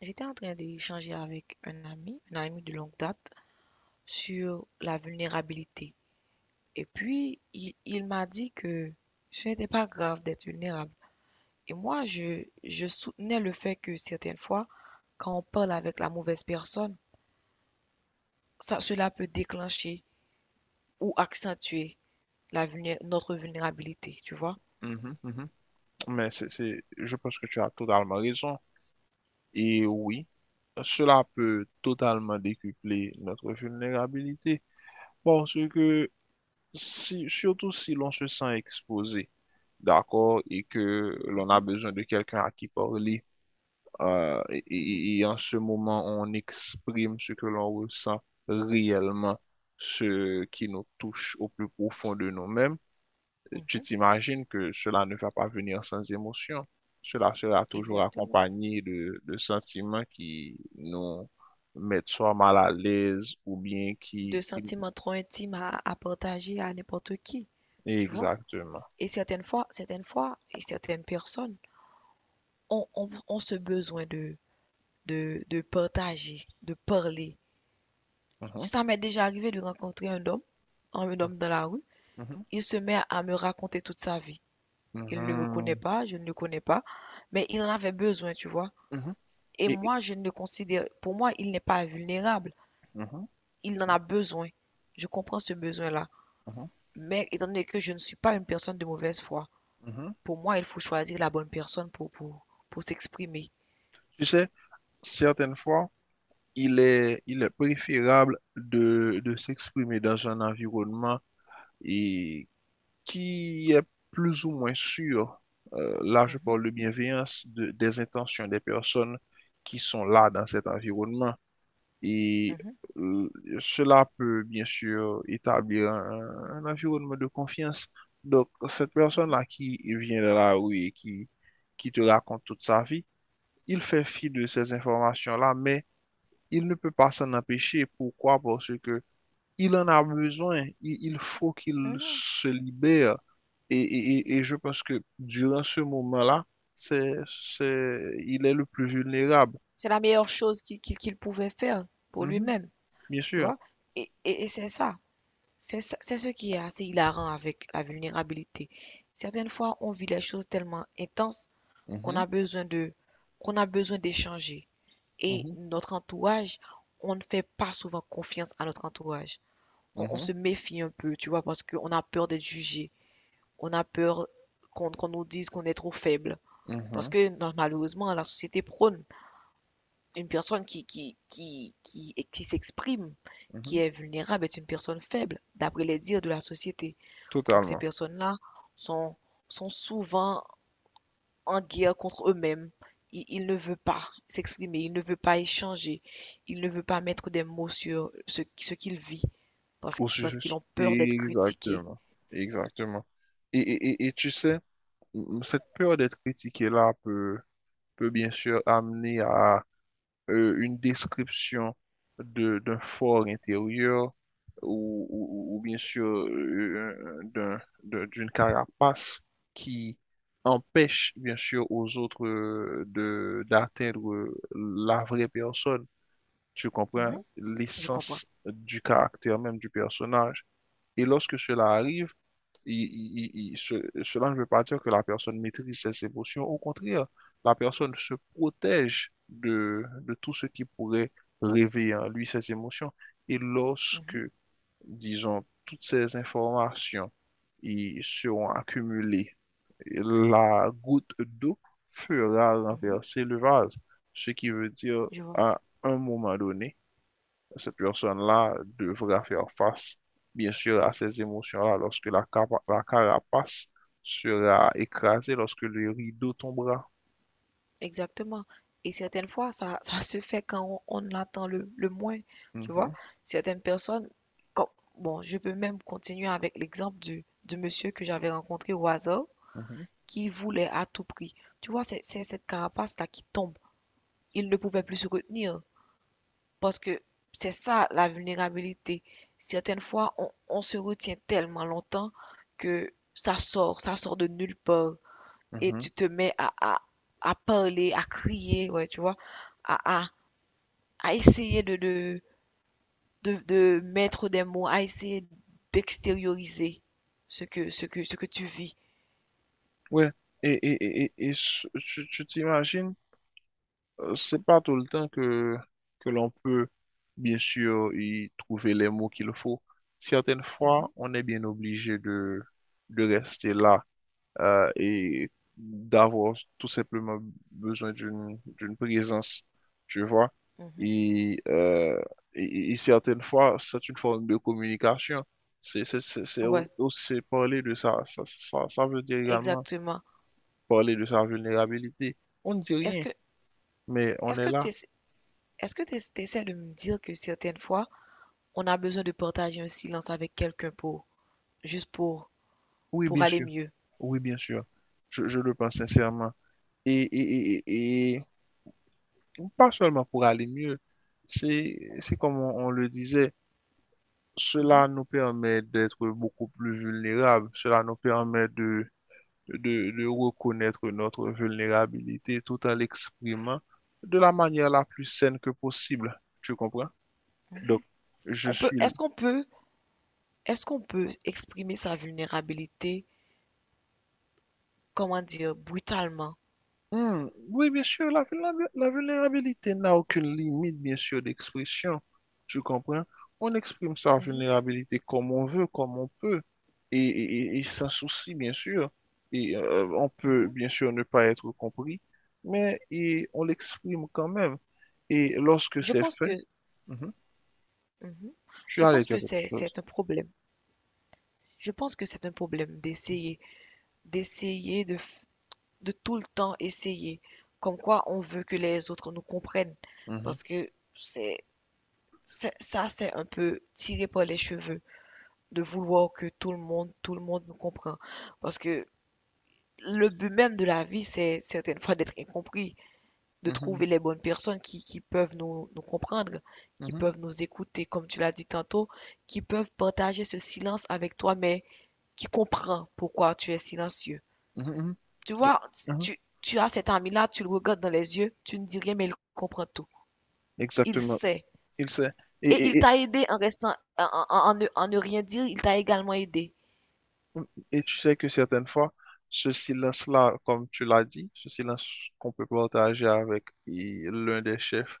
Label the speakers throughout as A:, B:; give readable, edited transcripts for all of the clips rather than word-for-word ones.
A: J'étais en train d'échanger avec un ami de longue date, sur la vulnérabilité. Et puis, il m'a dit que ce n'était pas grave d'être vulnérable. Et moi, je soutenais le fait que certaines fois, quand on parle avec la mauvaise personne, cela peut déclencher ou accentuer notre vulnérabilité, tu vois?
B: Mhm, mhm. Mais je pense que tu as totalement raison. Et oui, cela peut totalement décupler notre vulnérabilité parce que si, surtout si l'on se sent exposé, d'accord, et que l'on a
A: Mhm,
B: besoin de quelqu'un à qui parler,
A: mhm,
B: et en ce moment on exprime ce que l'on ressent réellement, ce qui nous touche au plus profond de nous-mêmes. Tu
A: mhm,
B: t'imagines que cela ne va pas venir sans émotion. Cela sera toujours
A: exactement.
B: accompagné de sentiments qui nous mettent soit mal à l'aise ou bien
A: De
B: qui...
A: sentiments trop intimes à partager à n'importe qui, tu vois?
B: Exactement.
A: Et certaines fois, et certaines personnes ont ce besoin de, de partager, de parler.
B: Mhm,
A: Ça m'est déjà arrivé de rencontrer un homme dans la rue.
B: mhm,
A: Il se met à me raconter toute sa vie. Il ne me connaît
B: mhm,
A: pas, je ne le connais pas, mais il en avait besoin, tu vois.
B: mhm,
A: Et
B: et- et-
A: moi, je ne le considère, pour moi, il n'est pas vulnérable.
B: mhm,
A: Il en a besoin. Je comprends ce besoin-là.
B: mhm,
A: Mais étant donné que je ne suis pas une personne de mauvaise foi,
B: mhm.
A: pour moi, il faut choisir la bonne personne pour s'exprimer.
B: Tu sais, certaines fois, il est préférable de s'exprimer dans un environnement et qui est plus ou moins sûr. Là, je
A: Mhm.
B: parle de bienveillance, de- des intentions des personnes qui sont là dans cet environnement. Et
A: Mhm,
B: euh, cela peut bien sûr établir un environnement de confiance. Donc, cette
A: mhm,
B: personne-là qui vient de la rue et qui te raconte toute sa vie, il fait fi de ces informations-là, mais il ne peut pas s'en empêcher. Pourquoi? Parce que il en a besoin, il faut qu'il
A: mhm.
B: se libère. Et je pense que durant ce moment-là, c'est, c'est, il est le plus vulnérable.
A: C'est la meilleure chose qu'il pouvait faire pour
B: Mhm,
A: lui-même,
B: bien
A: tu
B: sûr.
A: vois. Et c'est ça. C'est ce qui est assez hilarant avec la vulnérabilité. Certaines fois, on vit les choses tellement intenses qu'on
B: Mhm,
A: a besoin de, qu'on a besoin d'échanger. Et
B: mhm,
A: notre entourage, on ne fait pas souvent confiance à notre entourage. On
B: mhm,
A: se méfie un peu, tu vois, parce qu'on a peur d'être jugé. On a peur qu'on nous dise qu'on est trop faible. Parce
B: mhm,
A: que non, malheureusement, la société prône une personne qui s'exprime, qui
B: mhm.
A: est vulnérable, est une personne faible, d'après les dires de la société. Donc ces
B: Totalement.
A: personnes-là sont, sont souvent en guerre contre eux-mêmes. Ils ne veulent pas s'exprimer, ils ne veulent pas échanger, ils ne veulent pas mettre des mots sur ce qu'ils vivent
B: Au
A: parce
B: sujet.
A: qu'ils ont peur d'être critiqués.
B: Exactement. Exactement. Et tu sais, cette peur d'être critiqué là peut bien sûr amener à une description d'un fort intérieur ou bien sûr d'une carapace qui empêche bien sûr aux autres de d'atteindre la vraie personne. Tu comprends
A: Mhm, je comprends.
B: l'essence du caractère même du personnage. Et lorsque cela arrive, cela ne veut pas dire que la personne maîtrise ses émotions. Au contraire, la personne se protège de tout ce qui pourrait réveiller en lui ses émotions. Et lorsque,
A: Mhm,
B: disons, toutes ces informations y seront accumulées, la goutte d'eau fera
A: mhm,
B: renverser le vase, ce qui veut dire
A: je vois.
B: à un moment donné cette personne-là devra faire face, bien sûr, à ces émotions-là lorsque la carapace sera écrasée, lorsque le rideau tombera.
A: Exactement. Et certaines fois, ça se fait quand on attend le moins, tu vois.
B: Mhm,
A: Certaines personnes, comme, bon, je peux même continuer avec l'exemple du monsieur que j'avais rencontré au hasard,
B: mhm,
A: qui voulait à tout prix. Tu vois, c'est cette carapace-là qui tombe. Il ne pouvait plus se retenir, parce que c'est ça la vulnérabilité. Certaines fois, on se retient tellement longtemps que ça sort de nulle part et
B: mhm.
A: tu te mets à parler, à crier, ouais, tu vois, à, à, à essayer de mettre des mots, à essayer d'extérioriser ce que tu vis.
B: Ouais. Tu tu t'imagines, c'est pas tout le temps que l'on peut, bien sûr, y trouver les mots qu'il faut. Certaines
A: Mhm,
B: fois, on est bien obligé de rester là et d'avoir tout simplement besoin d'une présence, tu vois.
A: mhm.
B: Et, euh, et certaines fois, c'est une forme de communication. C'est
A: Ouais,
B: aussi parler de ça veut dire également
A: exactement.
B: parler de sa vulnérabilité. On ne dit
A: Est-ce
B: rien,
A: que,
B: mais on
A: est-ce
B: est
A: que tu
B: là.
A: est-ce que tu essaies de me dire que certaines fois, on a besoin de partager un silence avec quelqu'un pour, juste
B: Oui,
A: pour
B: bien
A: aller
B: sûr.
A: mieux?
B: Oui, bien sûr. Je le pense sincèrement. Et, et, et, et- et pas seulement pour aller mieux, c'est comme on le disait. Cela
A: Mhm,
B: nous permet d'être beaucoup plus vulnérables. Cela nous permet de reconnaître notre vulnérabilité tout en l'exprimant de la manière la plus saine que possible. Tu comprends? Donc,
A: mhm.
B: je
A: On peut,
B: suis
A: est-ce qu'on peut exprimer sa vulnérabilité, comment dire, brutalement?
B: Hmm, oui, bien sûr, la vulnérabilité n'a aucune limite, bien sûr, d'expression. Tu comprends? On exprime sa
A: Mhm,
B: vulnérabilité comme on veut, comme on peut, et sans souci, bien sûr. Et on peut,
A: mhm.
B: bien sûr, ne pas être compris, mais et on l'exprime quand même. Et lorsque
A: Je
B: c'est
A: pense
B: fait,
A: que,
B: mhm,
A: mhm.
B: tu
A: Je
B: as
A: pense
B: déjà
A: que
B: quelque chose.
A: c'est un problème. Je pense que c'est un problème d'essayer, d'essayer de, de tout le temps essayer. Comme quoi, on veut que les autres nous comprennent.
B: Mhm,
A: Parce que ça, c'est un peu tiré par les cheveux de vouloir que tout le monde nous comprenne. Parce que le but même de la vie, c'est certaines fois d'être incompris. De
B: mhm,
A: trouver les bonnes personnes qui peuvent nous, nous comprendre, qui
B: mhm,
A: peuvent nous écouter, comme tu l'as dit tantôt, qui peuvent partager ce silence avec toi, mais qui comprend pourquoi tu es silencieux.
B: mhm, mhm.
A: Tu
B: Et-
A: vois,
B: mhm,
A: tu as cet ami-là, tu le regardes dans les yeux, tu ne dis rien, mais il comprend tout. Il
B: exactement.
A: sait.
B: Il sait.
A: Et il t'a aidé en restant, en ne rien dire, il t'a également aidé.
B: Et tu sais que certaines fois, ce silence-là, comme tu l'as dit, ce silence qu'on peut partager avec et l'un des chefs,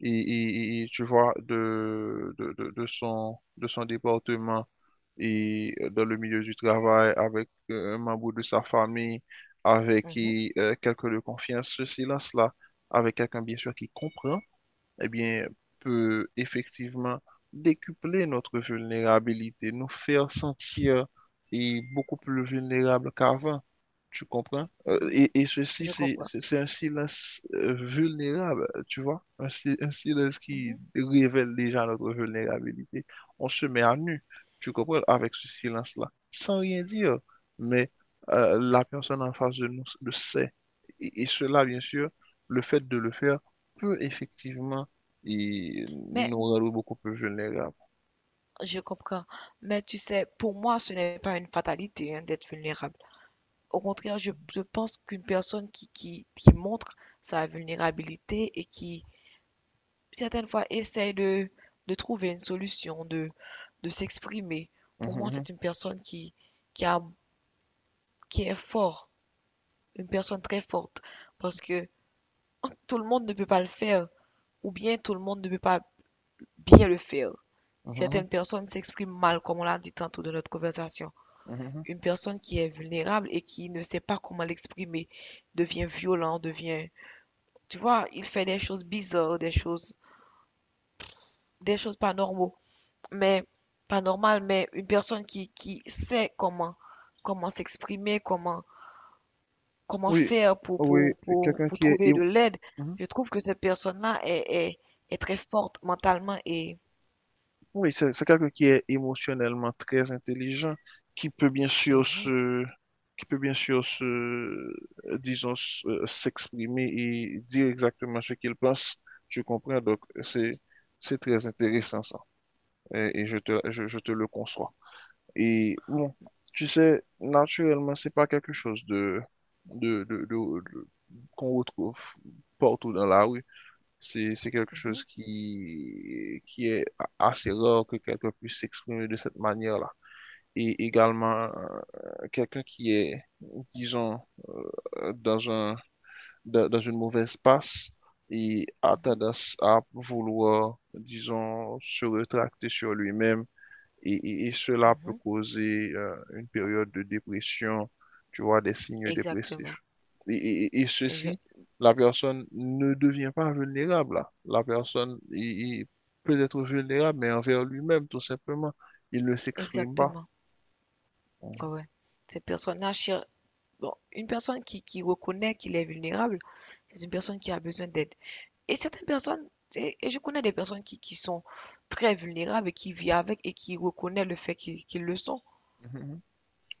B: tu vois, de son département et dans le milieu du travail, avec un membre de sa famille, avec
A: Mhm,
B: et, quelqu'un de confiance, ce silence-là, avec quelqu'un, bien sûr, qui comprend eh bien, peut effectivement décupler notre vulnérabilité, nous faire sentir et beaucoup plus vulnérables qu'avant. Tu comprends?
A: mhm,
B: Et ceci,
A: je comprends.
B: c'est un silence vulnérable, tu vois? Un, si- Un silence qui
A: Mhm.
B: révèle déjà notre vulnérabilité. On se met à nu, tu comprends, avec ce silence-là, sans rien dire. Mais la personne en face de nous le sait. Et cela, bien sûr, le fait de le faire peut effectivement et
A: Mais
B: nous rendre beaucoup plus vulnérables.
A: je comprends. Mais tu sais, pour moi, ce n'est pas une fatalité, hein, d'être vulnérable. Au contraire, je pense qu'une personne qui montre sa vulnérabilité et qui, certaines fois, essaie de trouver une solution, de s'exprimer, pour moi,
B: Mhm,
A: c'est une personne qui, a, qui est forte, une personne très forte, parce que tout le monde ne peut pas le faire, ou bien tout le monde ne peut pas bien le faire.
B: mhm,
A: Certaines personnes s'expriment mal, comme on l'a dit tantôt dans notre conversation.
B: mhm,
A: Une personne qui est vulnérable et qui ne sait pas comment l'exprimer devient violent, devient... Tu vois, il fait des choses bizarres, des choses pas normaux, mais pas normales, mais une personne qui sait comment, comment s'exprimer, comment, comment
B: oui,
A: faire
B: oui, quelqu'un
A: pour
B: qui est,
A: trouver de l'aide.
B: mhm,
A: Je trouve que cette personne-là est très forte mentalement et...
B: oui, c'est quelqu'un qui est émotionnellement très intelligent, qui peut bien sûr
A: Mhm,
B: se, qui peut bien sûr se, disons, s'exprimer et dire exactement ce qu'il pense. Je comprends, c'est très intéressant ça, et je te le conçois. Et bon, tu sais, naturellement, c'est pas quelque chose de, de- de- de- qu'on retrouve partout dans la rue. C'est quelque
A: mhm,
B: chose qui est assez rare que quelqu'un puisse s'exprimer de cette manière-là. Et également, quelqu'un qui est, disons, euh, dans un, dans une mauvaise passe et a
A: mhm,
B: tendance à vouloir, disons, se retracter sur lui-même et cela peut
A: mhm.
B: causer une période de dépression, tu vois, des signes dépressifs.
A: Exactement.
B: Et
A: Exa-
B: ceci, la personne ne devient pas vulnérable là. La personne il peut être vulnérable, mais envers lui-même, tout simplement. Il ne s'exprime pas.
A: Exactement.
B: Mhm.
A: Ouais. Cette personne-là, bon, une personne qui reconnaît qu'il est vulnérable, c'est une personne qui a besoin d'aide. Et certaines personnes, et je connais des personnes qui sont très vulnérables et qui vivent avec et qui reconnaissent le fait qu'ils le sont.
B: Mhm.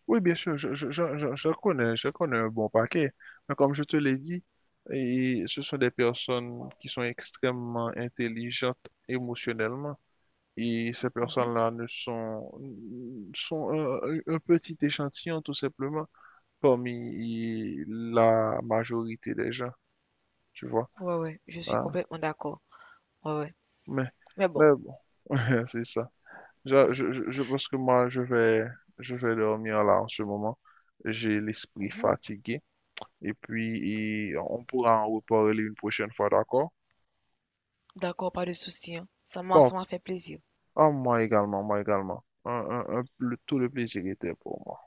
B: Oui, bien sûr, je connais un bon paquet. Mais comme je te l'ai dit, et ce sont des personnes qui sont extrêmement intelligentes émotionnellement. Et ces
A: Mhm.
B: personnes-là ne sont, sont un petit échantillon, tout simplement, parmi la majorité des gens, tu vois.
A: Ouais, ouais, je suis
B: Hein.
A: complètement d'accord. Ouais, ouais.
B: Mais,
A: Mais bon,
B: mais bon, c'est ça. Je je pense que moi, je vais dormir là en ce moment. J'ai l'esprit
A: mhm.
B: fatigué. Et puis, et on pourra en reparler une prochaine fois, d'accord?
A: D'accord, pas de souci, hein.
B: Bon,
A: Ça m'a fait plaisir.
B: à moi également, moi également. Tout le plaisir était pour moi.